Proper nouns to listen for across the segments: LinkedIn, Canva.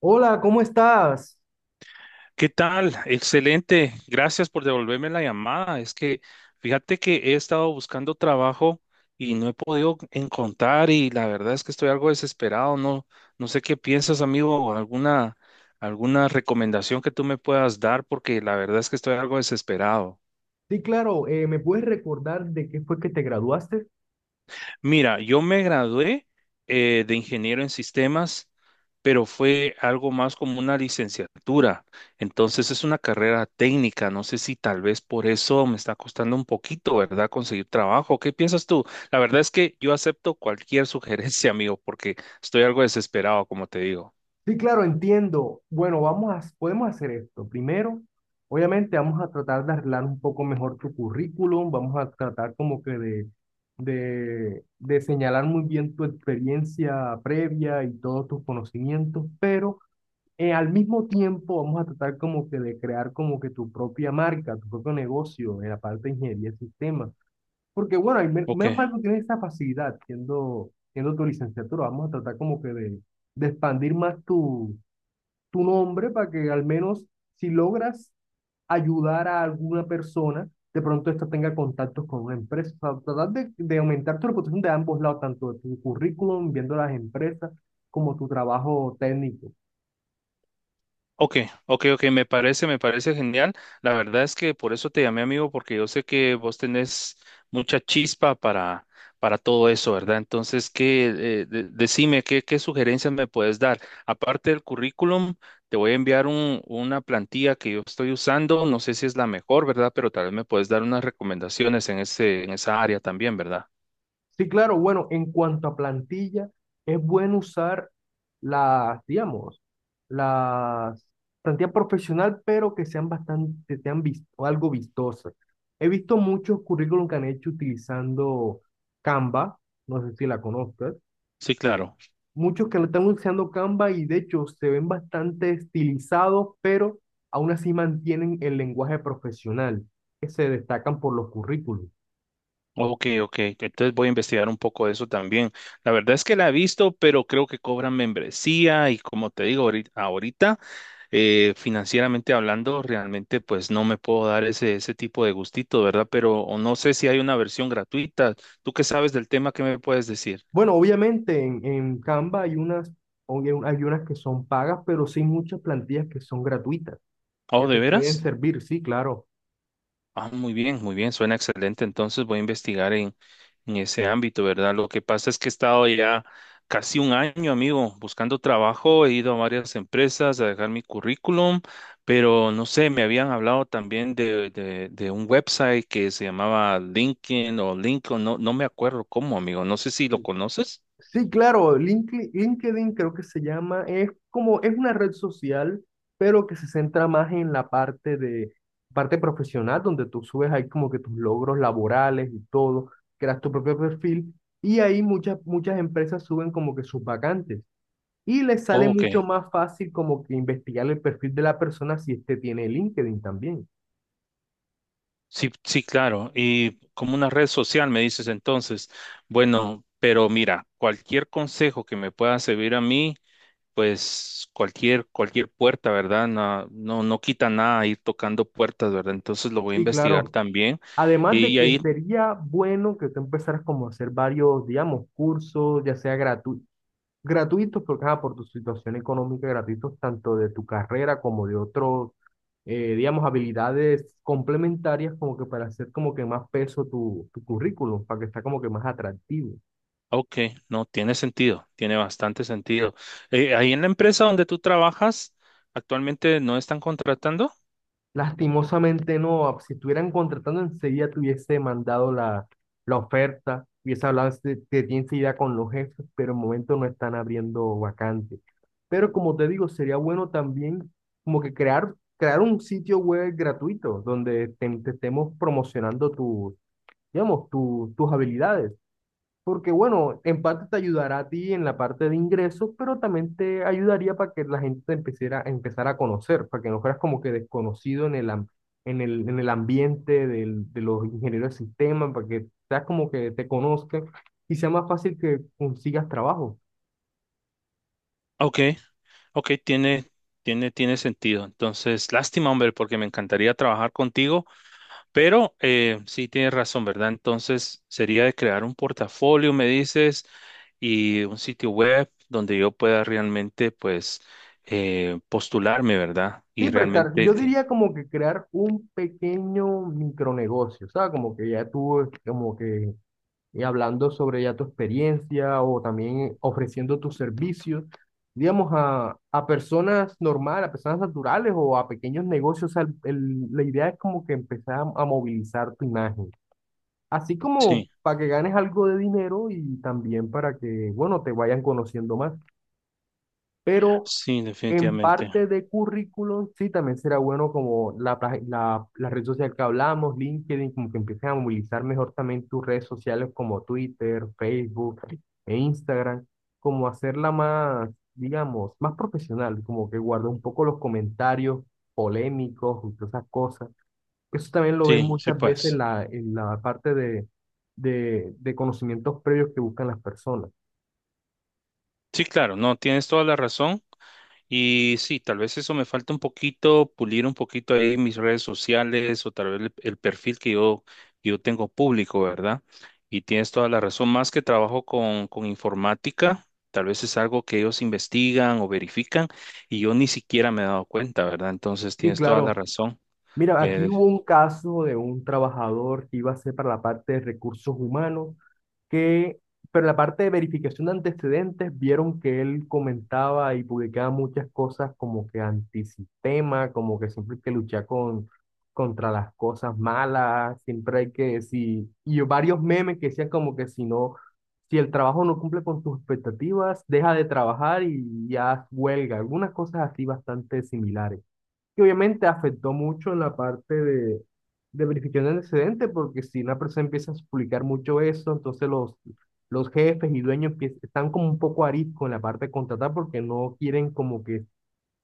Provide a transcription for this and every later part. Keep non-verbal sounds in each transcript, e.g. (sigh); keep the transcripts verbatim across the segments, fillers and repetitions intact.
Hola, ¿cómo estás? ¿Qué tal? Excelente. Gracias por devolverme la llamada. Es que fíjate que he estado buscando trabajo y no he podido encontrar, y la verdad es que estoy algo desesperado. No, no sé qué piensas, amigo, o alguna, alguna recomendación que tú me puedas dar, porque la verdad es que estoy algo desesperado. Sí, claro, eh, ¿me puedes recordar de qué fue que te graduaste? Mira, yo me gradué eh, de ingeniero en sistemas, pero fue algo más como una licenciatura. Entonces es una carrera técnica. No sé si tal vez por eso me está costando un poquito, ¿verdad? Conseguir trabajo. ¿Qué piensas tú? La verdad es que yo acepto cualquier (laughs) sugerencia, amigo, porque estoy algo desesperado, como te digo. Sí, claro, entiendo. Bueno, vamos a, podemos hacer esto. Primero, obviamente vamos a tratar de arreglar un poco mejor tu currículum, vamos a tratar como que de, de, de señalar muy bien tu experiencia previa y todos tus conocimientos, pero eh, al mismo tiempo vamos a tratar como que de crear como que tu propia marca, tu propio negocio en la parte de ingeniería de sistemas. Porque bueno, hay men- menos Ok. mal que tienes esa facilidad siendo, siendo tu licenciatura. Vamos a tratar como que de, de expandir más tu, tu nombre para que al menos si logras ayudar a alguna persona, de pronto esta tenga contactos con una empresa. O sea, tratar de, de aumentar tu reputación de ambos lados, tanto de tu currículum, viendo las empresas, como tu trabajo técnico. Ok, ok, ok, me parece, me parece genial. La verdad es que por eso te llamé, amigo, porque yo sé que vos tenés mucha chispa para, para todo eso, ¿verdad? Entonces, ¿qué, eh, de- decime, qué, qué sugerencias me puedes dar? Aparte del currículum, te voy a enviar un, una plantilla que yo estoy usando, no sé si es la mejor, ¿verdad? Pero tal vez me puedes dar unas recomendaciones en ese, en esa área también, ¿verdad? Sí, claro, bueno, en cuanto a plantilla, es bueno usar las, digamos, las plantilla profesional, pero que sean bastante, que sean vis- o algo vistosas. He visto muchos currículum que han hecho utilizando Canva, no sé si la conozcas, Sí, claro. muchos que lo están usando Canva y de hecho se ven bastante estilizados, pero aún así mantienen el lenguaje profesional, que se destacan por los currículums. Ok, ok. Entonces voy a investigar un poco de eso también. La verdad es que la he visto, pero creo que cobran membresía y como te digo, ahorita, ahorita, eh, financieramente hablando, realmente pues no me puedo dar ese, ese tipo de gustito, ¿verdad? Pero, o no sé si hay una versión gratuita. ¿Tú qué sabes del tema? ¿Qué me puedes decir? Bueno, obviamente en, en Canva hay unas, obvia- hay unas que son pagas, pero sí hay muchas plantillas que son gratuitas, ¿Oh, que de te pueden veras? servir, sí, claro. Ah, muy bien, muy bien, suena excelente. Entonces voy a investigar en, en ese ámbito, ¿verdad? Lo que pasa es que he estado ya casi un año, amigo, buscando trabajo. He ido a varias empresas a dejar mi currículum, pero no sé, me habían hablado también de, de, de un website que se llamaba LinkedIn o LinkedIn, no, no me acuerdo cómo, amigo. No sé si lo conoces. Sí, claro, Linkli- LinkedIn creo que se llama, es como, es una red social, pero que se centra más en la parte de, parte profesional, donde tú subes ahí como que tus logros laborales y todo, creas tu propio perfil, y ahí muchas, muchas empresas suben como que sus vacantes. Y les sale Oh, ok. mucho más fácil como que investigar el perfil de la persona si este tiene LinkedIn también. Sí, sí, claro. Y como una red social, me dices entonces. Bueno, pero mira, cualquier consejo que me pueda servir a mí, pues cualquier, cualquier puerta, ¿verdad? No, no, no quita nada ir tocando puertas, ¿verdad? Entonces lo voy a Sí, investigar claro. también. Además de Y que ahí, sería bueno que tú empezaras como a hacer varios, digamos, cursos, ya sea gratu- gratuitos, porque ajá, por tu situación económica, gratuitos tanto de tu carrera como de otros, eh, digamos, habilidades complementarias, como que para hacer como que más peso tu, tu currículum, para que está como que más atractivo. ok, no, tiene sentido, tiene bastante sentido. Eh, ahí en la empresa donde tú trabajas, actualmente no están contratando. Lastimosamente no, ah, si estuvieran contratando enseguida te hubiese mandado la, la oferta, hubiese hablado de, de ti enseguida con los jefes, pero en momento no están abriendo vacantes. Pero como te digo, sería bueno también como que crear, crear un sitio web gratuito donde te, te estemos promocionando tu, digamos, tu- tus habilidades. Porque bueno, en parte te ayudará a ti en la parte de ingresos, pero también te ayudaría para que la gente te empezara, empezara a conocer, para que no fueras como que desconocido en el, am- en el, en el ambiente del- de los ingenieros de sistemas, para que seas como que te conozcan y sea más fácil que consigas trabajo. Ok, ok, tiene, tiene, tiene sentido. Entonces, lástima, hombre, porque me encantaría trabajar contigo. Pero eh, sí tienes razón, ¿verdad? Entonces sería de crear un portafolio, me dices, y un sitio web donde yo pueda realmente, pues, eh, postularme, ¿verdad? Sí, Y prestar, realmente yo que... diría como que crear un pequeño micronegocio, ¿sabes? Como que ya tú, como que y hablando sobre ya tu experiencia o también ofreciendo tus servicios, digamos, a, a personas normales, a personas naturales o a pequeños negocios. O sea, el- el- la idea es como que empezar a, a movilizar tu imagen, así como Sí, para que ganes algo de dinero y también para que, bueno, te vayan conociendo más. Pero sí, en definitivamente. parte de currículum, sí, también será bueno como la, pag- la, la red social que hablamos, LinkedIn, como que empiecen a movilizar mejor también tus redes sociales como Twitter, Facebook e Instagram, como hacerla más, digamos, más profesional, como que guarda un poco los comentarios polémicos y todas esas cosas. Eso también lo ven Sí, sí, muchas veces en pues. la, en la parte de, de, de conocimientos previos que buscan las personas. Sí, claro, no, tienes toda la razón. Y sí, tal vez eso me falta un poquito, pulir un poquito ahí mis redes sociales, o tal vez el, el perfil que yo, que yo tengo público, ¿verdad? Y tienes toda la razón, más que trabajo con, con informática, tal vez es algo que ellos investigan o verifican y yo ni siquiera me he dado cuenta, ¿verdad? Entonces Sí, tienes toda la claro. razón. Mira, aquí Eh, hubo un caso de un trabajador que iba a ser para la parte de recursos humanos, que, pero en la parte de verificación de antecedentes, vieron que él comentaba y publicaba muchas cosas como que antisistema, como que siempre hay que luchar con, contra las cosas malas, siempre hay que, si, y varios memes que decían como que si no, si el trabajo no cumple con tus expectativas, deja de trabajar y ya huelga, algunas cosas así bastante similares que obviamente afectó mucho en la parte de, de verificación de antecedentes, porque si una persona empieza a publicar mucho eso, entonces los, los jefes y dueños empie- están como un poco arisco en la parte de contratar porque no quieren como que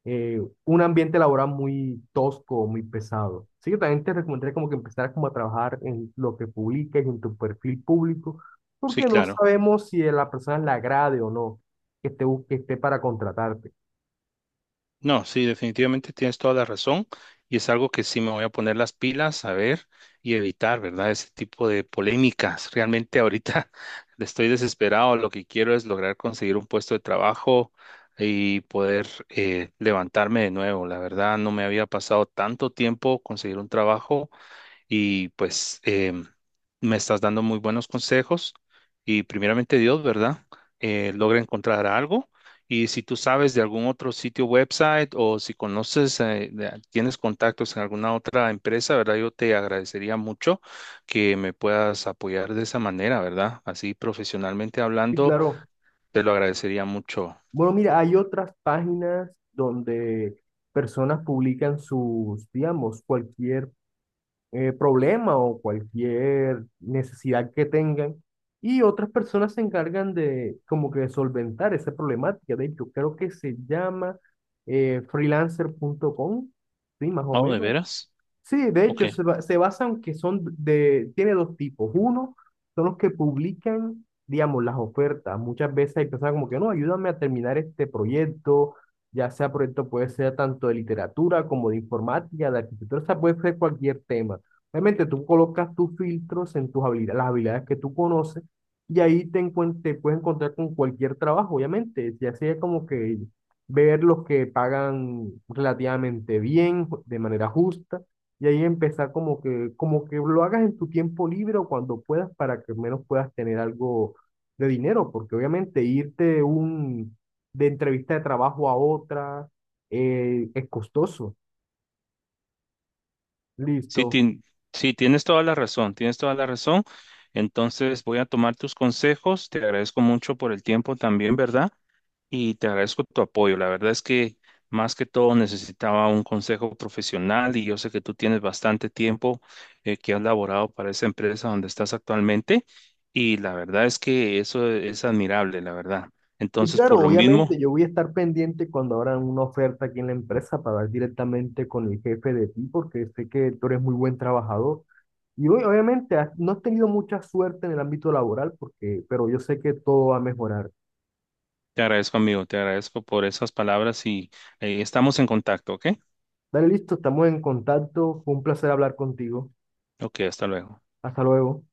eh, un ambiente laboral muy tosco, muy pesado. Así que también te recomendaría como que empezaras como a trabajar en lo que publiques, en tu perfil público, sí, porque no claro. sabemos si a la persona le agrade o no que esté, bus- que esté para contratarte. No, sí, definitivamente tienes toda la razón, y es algo que sí me voy a poner las pilas a ver y evitar, ¿verdad? Ese tipo de polémicas. Realmente ahorita (laughs) estoy desesperado, lo que quiero es lograr conseguir un puesto de trabajo y poder eh, levantarme de nuevo. La verdad, no me había pasado tanto tiempo conseguir un trabajo, y pues em, me estás dando muy buenos consejos, y primeramente Dios, ¿verdad? Eh, logra encontrar algo, y si tú sabes de algún otro sitio website, o si conoces, eh, de- tienes contactos en alguna otra empresa, ¿verdad? Yo te agradecería mucho que me puedas apoyar de esa manera, ¿verdad? Así profesionalmente Sí, hablando, claro. te lo agradecería mucho. Bueno, mira, hay otras páginas donde personas publican sus, digamos, cualquier eh, problema o cualquier necesidad que tengan y otras personas se encargan de como que de solventar esa problemática. De hecho, creo que se llama eh, freelancer punto com sí, más o Oh, ¿de menos. veras? Sí, de Ok. hecho, se, ba- se basan que son de, tiene dos tipos. Uno, son los que publican, digamos, las ofertas. Muchas veces hay personas como que, no, ayúdame a terminar este proyecto, ya sea proyecto puede ser tanto de literatura como de informática, de arquitectura, o sea, puede ser cualquier tema. Obviamente tú colocas tus filtros en tus habilidades, las habilidades que tú conoces, y ahí te, encuent- te puedes encontrar con cualquier trabajo, obviamente. Ya sea como que ver los que pagan relativamente bien, de manera justa y ahí empezar como que, como que lo hagas en tu tiempo libre o cuando puedas para que al menos puedas tener algo de dinero, porque obviamente irte un, de entrevista de trabajo a otra eh, es costoso. Sí, Listo. tien- sí, tienes toda la razón, tienes toda la razón. Entonces voy a tomar tus consejos. Te agradezco mucho por el tiempo también, ¿verdad? Y te agradezco tu apoyo. La verdad es que más que todo necesitaba un consejo profesional, y yo sé que tú tienes bastante tiempo eh, que has laborado para esa empresa donde estás actualmente, y la verdad es que eso es admirable, la verdad. Y Entonces, por claro, lo mismo, obviamente yo voy a estar pendiente cuando abran una oferta aquí en la empresa para hablar directamente con el jefe de ti, porque sé que tú eres muy buen trabajador. Y hoy, obviamente has- no has tenido mucha suerte en el ámbito laboral, porque, pero yo sé que todo va a mejorar. te agradezco, amigo, te agradezco por esas palabras y eh, estamos en contacto, ¿ok? Dale, listo, estamos en contacto. Fue un placer hablar contigo. Ok, hasta luego. Hasta luego.